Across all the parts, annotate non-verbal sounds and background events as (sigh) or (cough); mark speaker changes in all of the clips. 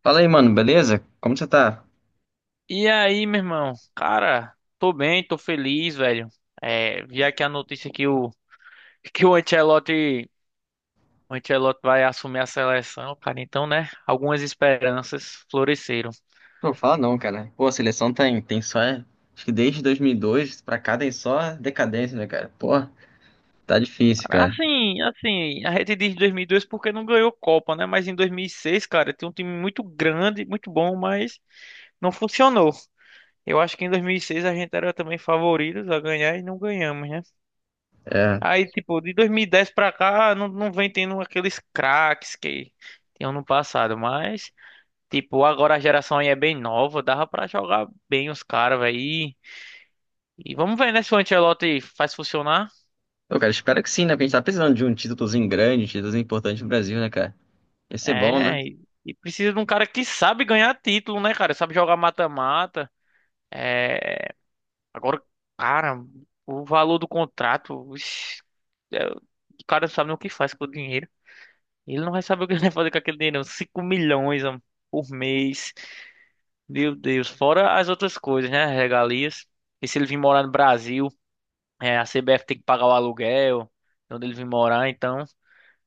Speaker 1: Fala aí, mano, beleza? Como você tá?
Speaker 2: E aí, meu irmão? Cara, tô bem, tô feliz, velho. É, vi aqui a notícia que o (laughs) que o Ancelotti vai assumir a seleção, cara. Então, né? Algumas esperanças floresceram.
Speaker 1: Não fala não, cara. Pô, a seleção tem só. Acho que desde 2002 pra cá tem só decadência, né, cara? Pô, tá difícil, cara.
Speaker 2: Assim, a gente diz 2002 porque não ganhou Copa, né? Mas em 2006, cara, tem um time muito grande, muito bom, mas não funcionou. Eu acho que em 2006 a gente era também favoritos a ganhar e não ganhamos, né?
Speaker 1: É.
Speaker 2: Aí, tipo, de 2010 pra cá, não vem tendo aqueles craques que tinham no passado, mas, tipo, agora a geração aí é bem nova, dava pra jogar bem os caras, velho. E vamos ver, né, se o Ancelotti faz funcionar.
Speaker 1: Pô, cara, espero que sim, né? Porque a gente tá precisando de um títulozinho grande, um títulozinho importante no Brasil, né, cara? Ia ser bom, né?
Speaker 2: É, e precisa de um cara que sabe ganhar título, né, cara? Sabe jogar mata-mata. Agora, cara, o valor do contrato, ixi, o cara não sabe nem o que faz com o dinheiro. Ele não vai saber o que ele vai fazer com aquele dinheiro, não. 5 milhões, mano, por mês. Meu Deus, fora as outras coisas, né? Regalias. E se ele vir morar no Brasil, a CBF tem que pagar o aluguel, onde ele vir morar, então.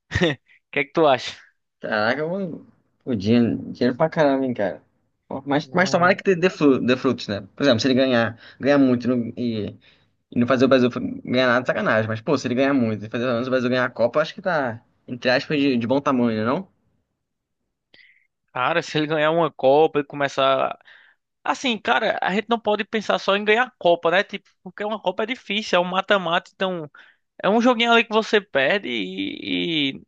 Speaker 2: (laughs) O que é que tu acha?
Speaker 1: Caraca, mano. Pô, dinheiro pra caramba, hein, cara. Pô, mas tomara que
Speaker 2: Ué.
Speaker 1: dê frutos, né? Por exemplo, se ele ganhar muito e não fazer o Brasil ganhar nada, é sacanagem. Mas, pô, se ele ganhar muito e fazer pelo menos o Brasil ganhar a Copa, eu acho que tá, entre aspas, de bom tamanho, né, não?
Speaker 2: Cara, se ele ganhar uma Copa e começar. Assim, cara, a gente não pode pensar só em ganhar a Copa, né? Tipo, porque uma Copa é difícil, é um mata-mata, então é um joguinho ali que você perde e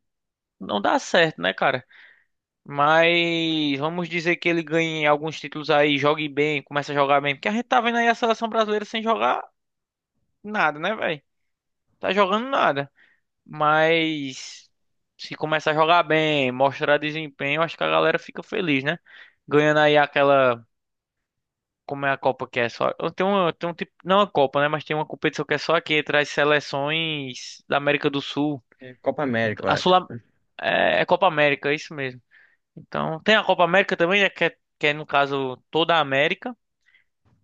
Speaker 2: não dá certo, né, cara? Mas vamos dizer que ele ganhe alguns títulos aí, jogue bem, comece a jogar bem, porque a gente tá vendo aí a seleção brasileira sem jogar nada, né, velho? Tá jogando nada. Mas se começar a jogar bem, mostrar desempenho, acho que a galera fica feliz, né? Ganhando aí aquela. Como é a Copa que é só. Tem um tipo. Não a Copa, né? Mas tem uma competição que é só aqui, traz seleções da América do Sul.
Speaker 1: É Copa
Speaker 2: Então,
Speaker 1: América, eu
Speaker 2: A Sul
Speaker 1: acho.
Speaker 2: é Copa América, é isso mesmo. Então, tem a Copa América também, né? Que é, no caso toda a América.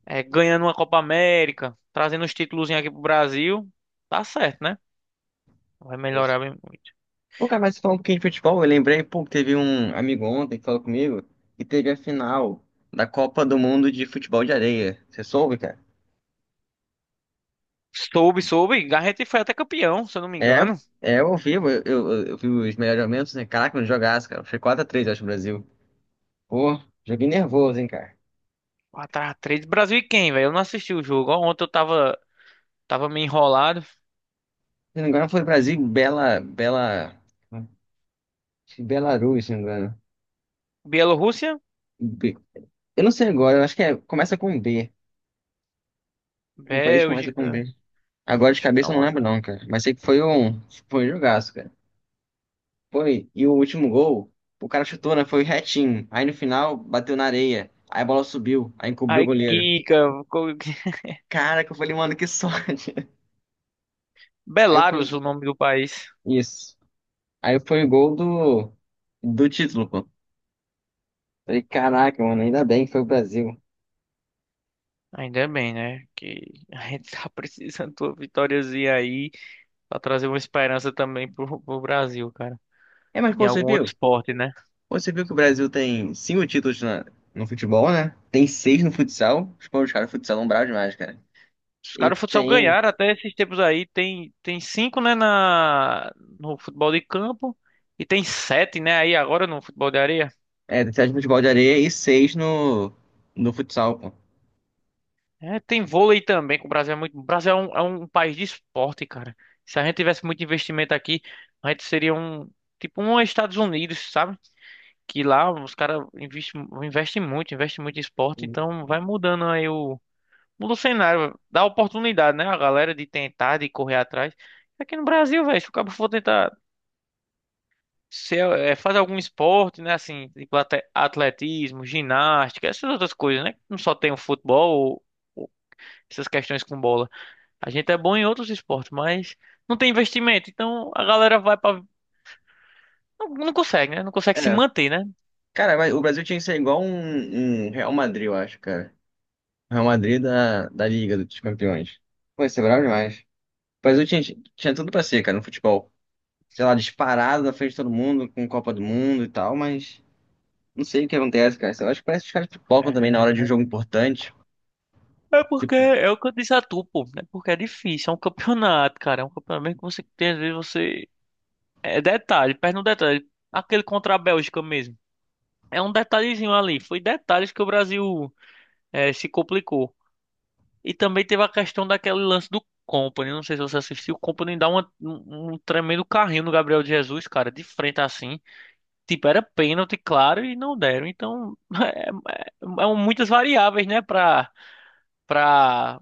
Speaker 2: É, ganhando uma Copa América, trazendo os títulos aqui pro Brasil. Tá certo, né? Vai
Speaker 1: Isso.
Speaker 2: melhorar bem.
Speaker 1: Pô, cara, mas falando um pouquinho de futebol, eu lembrei, pô, que teve um amigo ontem que falou comigo que teve a final da Copa do Mundo de Futebol de Areia. Você soube, cara?
Speaker 2: Soube, soube. A gente foi até campeão, se eu não me
Speaker 1: É,
Speaker 2: engano.
Speaker 1: é, eu vi os melhores momentos, né? Caraca, não jogasse, cara. Foi 4 a 3 eu acho, o Brasil. Pô, joguei nervoso, hein, cara.
Speaker 2: Quatro x 3 Brasil e quem, velho? Eu não assisti o jogo. Ó, ontem eu tava meio enrolado.
Speaker 1: Se não me engano, foi Brasil, e Belarus, se não me engano.
Speaker 2: Bielorrússia?
Speaker 1: Eu não sei agora, eu acho que é, começa com B. Um país começa com
Speaker 2: Bélgica.
Speaker 1: B. Agora de
Speaker 2: Deixa eu dar
Speaker 1: cabeça eu não
Speaker 2: uma
Speaker 1: lembro
Speaker 2: olhada.
Speaker 1: não, cara. Mas sei que foi um jogaço, cara. Foi, e o último gol, o cara chutou, né? Foi retinho. Aí no final, bateu na areia. Aí a bola subiu, aí encobriu o
Speaker 2: Ai,
Speaker 1: goleiro.
Speaker 2: Kika. (laughs)
Speaker 1: Cara, que eu falei, mano, que sorte. (laughs) Aí
Speaker 2: Belarus,
Speaker 1: foi,
Speaker 2: o nome do país.
Speaker 1: isso. Aí foi o gol do, do título, pô. Falei, caraca, mano, ainda bem que foi o Brasil.
Speaker 2: Ainda é bem, né? Que a gente tá (laughs) precisando de uma vitóriazinha aí pra trazer uma esperança também pro Brasil, cara.
Speaker 1: É, mas
Speaker 2: Em
Speaker 1: pô, você
Speaker 2: algum outro
Speaker 1: viu?
Speaker 2: esporte, né?
Speaker 1: Você viu que o Brasil tem cinco no futebol, né? Tem seis no futsal. Os pô, os caras futsal são bravos demais, cara.
Speaker 2: Os
Speaker 1: E
Speaker 2: caras do futsal
Speaker 1: tem,
Speaker 2: ganharam até esses tempos aí. Tem cinco, né, na, no futebol de campo. E tem sete, né, aí agora no futebol de areia.
Speaker 1: Tem sete no futebol de areia e seis no, no futsal, pô.
Speaker 2: É, tem vôlei também, que o Brasil é muito. O Brasil é um país de esporte, cara. Se a gente tivesse muito investimento aqui, a gente seria um. Tipo um Estados Unidos, sabe? Que lá os caras investem, investem muito em esporte, então vai mudando aí o. Muda o cenário, dá oportunidade, né? A galera de tentar, de correr atrás. Aqui no Brasil, velho, se o cabo for tentar. Se é, faz algum esporte, né? Assim, tipo atletismo, ginástica, essas outras coisas, né? Não só tem o futebol ou essas questões com bola. A gente é bom em outros esportes, mas não tem investimento. Então a galera vai para não consegue, né? Não consegue se
Speaker 1: É,
Speaker 2: manter, né?
Speaker 1: cara, mas o Brasil tinha que ser igual um Real Madrid, eu acho, cara. Real Madrid da, da Liga dos Campeões. Pô, isso é bravo demais. O Brasil tinha, tinha tudo pra ser, cara, no futebol. Sei lá, disparado na frente de todo mundo, com Copa do Mundo e tal, mas não sei o que acontece, cara. Eu acho que parece que os caras pipocam também na hora de um
Speaker 2: É,
Speaker 1: jogo importante.
Speaker 2: é porque
Speaker 1: Tipo,
Speaker 2: é o que eu disse a tu, pô, né? Porque é difícil, é um campeonato, cara. É um campeonato que você tem, às vezes você. É detalhe, perde um detalhe. Aquele contra a Bélgica mesmo. É um detalhezinho ali. Foi detalhes que o Brasil se complicou. E também teve a questão daquele lance do Company. Não sei se você assistiu. O Company dá um tremendo carrinho no Gabriel Jesus, cara, de frente assim. Tipo, era pênalti, claro, e não deram. Então, (laughs) é, é um, muitas variáveis, né, pra,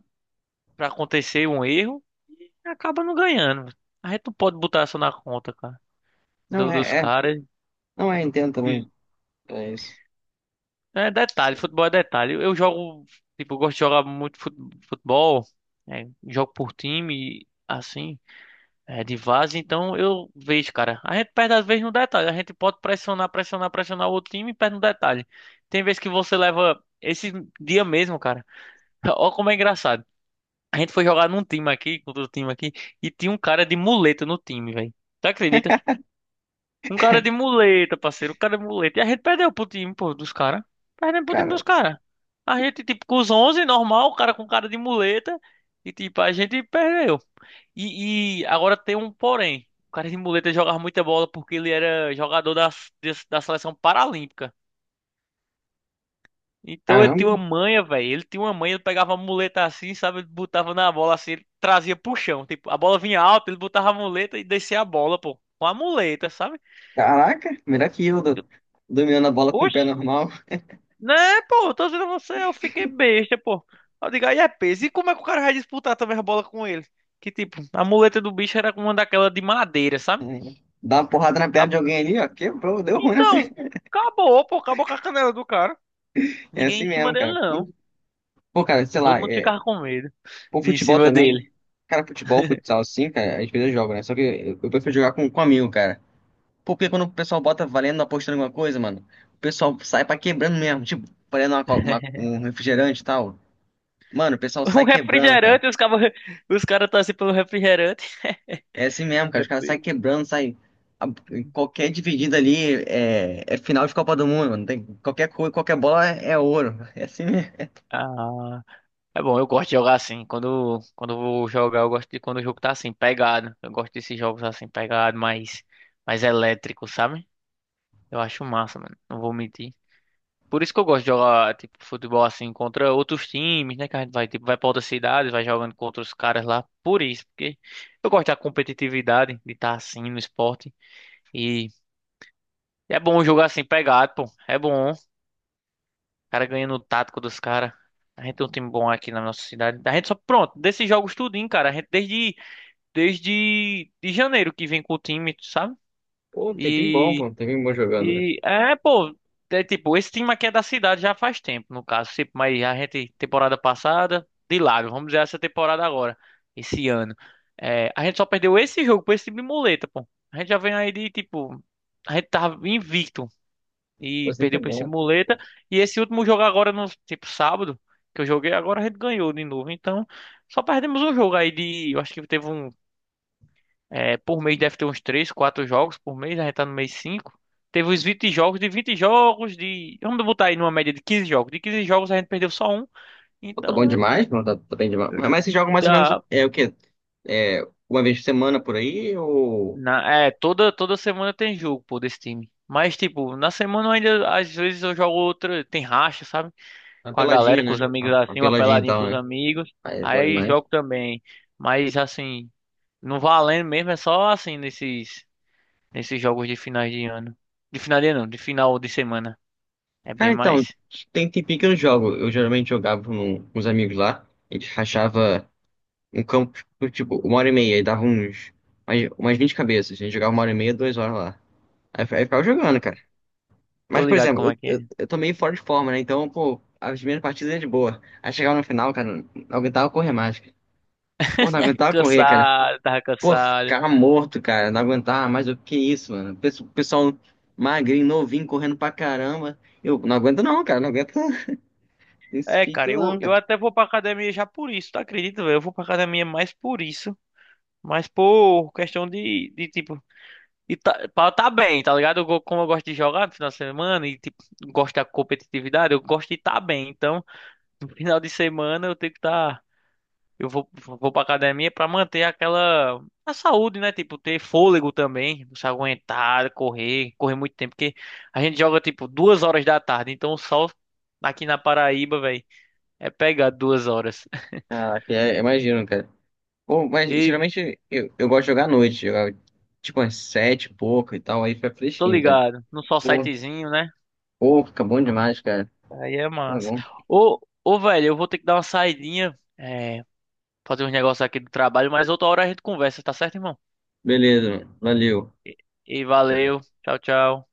Speaker 2: pra acontecer um erro. E acaba não ganhando. A gente não pode botar isso na conta, cara,
Speaker 1: não,
Speaker 2: dos
Speaker 1: é, é.
Speaker 2: caras.
Speaker 1: Não é, entendo também.
Speaker 2: E-
Speaker 1: É isso.
Speaker 2: É detalhe,
Speaker 1: Sim.
Speaker 2: futebol é detalhe. Eu jogo, tipo, eu gosto de jogar muito futebol, né, jogo por time, assim. É de vaza, então eu vejo, cara. A gente perde às vezes no detalhe. A gente pode pressionar, pressionar, pressionar o outro time e perde no detalhe. Tem vezes que você leva esse dia mesmo, cara. (laughs) Olha como é engraçado. A gente foi jogar num time aqui, com outro time aqui, e tinha um cara de muleta no time, velho. Tu acredita? Um cara de
Speaker 1: (laughs)
Speaker 2: muleta, parceiro. Um cara de muleta. E a gente perdeu pro time, pô, dos caras. Perdemos pro time dos
Speaker 1: Cara,
Speaker 2: caras. A gente, tipo, com os 11 normal, o cara com cara de muleta. E, tipo, a gente perdeu. E agora tem um porém. O cara de muleta jogava muita bola porque ele era jogador da seleção paralímpica. Então ele tinha uma
Speaker 1: caramba.
Speaker 2: manha, velho. Ele tinha uma manha, ele pegava a muleta assim, sabe? Ele botava na bola assim, ele trazia pro chão. Tipo, a bola vinha alta, ele botava a muleta e descia a bola, pô. Com a muleta, sabe?
Speaker 1: Caraca, melhor que eu, dominando a bola com o pé
Speaker 2: Oxi,
Speaker 1: normal.
Speaker 2: né, pô? Tô dizendo a você, eu fiquei besta, pô. Eu digo, aí é peso. E como é que o cara vai disputar também a bola com ele? Que tipo, a muleta do bicho era uma daquela de madeira, sabe?
Speaker 1: É. Dá uma porrada na perna de alguém ali, ó. Quebrou, deu ruim na (laughs)
Speaker 2: Então,
Speaker 1: perna.
Speaker 2: acabou, pô, acabou com a canela do cara.
Speaker 1: É
Speaker 2: Ninguém
Speaker 1: assim
Speaker 2: em cima
Speaker 1: mesmo,
Speaker 2: dele,
Speaker 1: cara.
Speaker 2: não.
Speaker 1: Pô, cara, sei
Speaker 2: Todo
Speaker 1: lá,
Speaker 2: mundo
Speaker 1: é...
Speaker 2: ficava com medo
Speaker 1: Pô,
Speaker 2: de ir em
Speaker 1: futebol
Speaker 2: cima
Speaker 1: também.
Speaker 2: dele.
Speaker 1: Cara, futebol, futsal, assim, cara, às vezes eu jogo, né? Só que eu prefiro jogar com amigo, cara. Pô, porque quando o pessoal bota valendo, apostando alguma coisa, mano, o pessoal sai pra quebrando mesmo. Tipo, valendo
Speaker 2: (laughs)
Speaker 1: um refrigerante e tal. Mano, o pessoal
Speaker 2: Um
Speaker 1: sai quebrando, cara.
Speaker 2: refrigerante, os caras os cara tá assim pelo refrigerante.
Speaker 1: É assim mesmo, cara. Os caras saem
Speaker 2: (laughs)
Speaker 1: quebrando, saem. a- Qualquer dividida ali é, é final de Copa do Mundo, mano. Tem, qualquer coisa, qualquer bola é, é ouro. (laughs) É assim mesmo.
Speaker 2: Ah, é bom, eu gosto de jogar assim. Quando eu vou jogar, eu gosto de quando o jogo tá assim, pegado. Eu gosto desses jogos assim, pegado, mais elétrico, sabe? Eu acho massa, mano. Não vou mentir. Por isso que eu gosto de jogar, tipo, futebol assim contra outros times, né? Que a gente vai, tipo, vai pra outras cidades, vai jogando contra os caras lá. Por isso, porque eu gosto da competitividade, de estar assim no esporte. E é bom jogar assim pegado, pô. É bom. O cara ganhando o tático dos caras. A gente tem um time bom aqui na nossa cidade. A gente só, pronto, desses jogos tudinho, cara. A gente desde de janeiro que vem com o time, sabe?
Speaker 1: Pô, um tempinho bom,
Speaker 2: e
Speaker 1: pô. Um tempinho bom jogando, né?
Speaker 2: E é, pô, é tipo, esse time aqui é da cidade já faz tempo, no caso. Tipo, mas a gente, temporada passada, de lado, vamos dizer essa temporada agora, esse ano. É, a gente só perdeu esse jogo pra esse time de muleta, pô. A gente já vem aí de, tipo, a gente tava invicto
Speaker 1: Pô,
Speaker 2: e
Speaker 1: assim que é
Speaker 2: perdeu pra esse
Speaker 1: bom.
Speaker 2: muleta. E esse último jogo agora, no, tipo, sábado, que eu joguei, agora a gente ganhou de novo. Então, só perdemos um jogo aí de, eu acho que teve um é, por mês deve ter uns 3, 4 jogos por mês, né? A gente tá no mês 5. Teve os 20 jogos, de 20 jogos, de. Vamos botar aí numa média de 15 jogos. De 15 jogos a gente perdeu só um.
Speaker 1: Pô, tá bom
Speaker 2: Então é.
Speaker 1: demais, mano. Tá, tá bem demais. Mas você joga mais ou menos
Speaker 2: Tá.
Speaker 1: é, o quê? É, uma vez por semana por aí ou
Speaker 2: Na, é, toda semana tem jogo, pô, desse time. Mas, tipo, na semana eu ainda, às vezes eu jogo outra, tem racha, sabe?
Speaker 1: uma
Speaker 2: Com a
Speaker 1: peladinha,
Speaker 2: galera, com os
Speaker 1: né?
Speaker 2: amigos
Speaker 1: Uma
Speaker 2: assim, uma
Speaker 1: peladinha e
Speaker 2: peladinha
Speaker 1: tal,
Speaker 2: com os
Speaker 1: né?
Speaker 2: amigos.
Speaker 1: Aí é bom
Speaker 2: Aí
Speaker 1: demais.
Speaker 2: jogo também. Mas, assim, não valendo mesmo, é só assim, nesses jogos de finais de ano. De final de ano, não, de final de semana. É
Speaker 1: Cara,
Speaker 2: bem
Speaker 1: então,
Speaker 2: mais.
Speaker 1: tem tempinho que eu não jogo. Eu geralmente jogava com os amigos lá. A gente rachava. Um campo, tipo, uma hora e meia, e dava umas 20 cabeças. A gente jogava uma hora e meia, duas horas lá. Aí ficava jogando, cara.
Speaker 2: Tô
Speaker 1: Mas, por
Speaker 2: ligado
Speaker 1: exemplo,
Speaker 2: como
Speaker 1: eu,
Speaker 2: é que é.
Speaker 1: eu, eu tô meio fora de forma, né? Então, pô, as primeiras partidas é de boa. Aí chegava no final, cara, não aguentava correr mais, cara. Pô, não
Speaker 2: (laughs)
Speaker 1: aguentava correr, cara.
Speaker 2: Cansado, tava
Speaker 1: Pô,
Speaker 2: cansado.
Speaker 1: ficava morto, cara. Não aguentava mais. O que isso, mano? Pessoal magrinho, novinho, correndo pra caramba. Eu não aguento não, cara. Não aguento (laughs) esse
Speaker 2: É,
Speaker 1: pique
Speaker 2: cara, eu,
Speaker 1: não,
Speaker 2: eu
Speaker 1: cara.
Speaker 2: até vou pra academia já por isso, tu acredita, velho? Eu vou pra academia mais por isso. Mas por questão de tipo. E tá, pra eu tá bem, tá ligado? Eu, como eu gosto de jogar no final de semana e, tipo, gosto da competitividade, eu gosto de estar tá bem. Então, (laughs) no final de semana eu tenho que estar. Eu vou pra academia pra manter aquela a saúde, né? Tipo, ter fôlego também, você aguentar, correr muito tempo, porque a gente joga tipo 2 horas da tarde, então o sol aqui na Paraíba, velho, é pegar 2 horas. (laughs)
Speaker 1: Caraca, é, imagino, cara. Pô, mas
Speaker 2: E
Speaker 1: geralmente eu gosto de jogar à noite, jogar tipo às sete e pouco e tal, aí fica
Speaker 2: tô
Speaker 1: fresquinho, cara.
Speaker 2: ligado, no sol
Speaker 1: Pô,
Speaker 2: sitezinho, né?
Speaker 1: Pô, fica bom demais, cara.
Speaker 2: Aí é
Speaker 1: Pô, é
Speaker 2: massa.
Speaker 1: bom.
Speaker 2: Ô, velho, eu vou ter que dar uma saidinha, é, fazer uns negócios aqui do trabalho, mas outra hora a gente conversa, tá certo, irmão?
Speaker 1: Beleza, mano. Valeu.
Speaker 2: E valeu, tchau, tchau.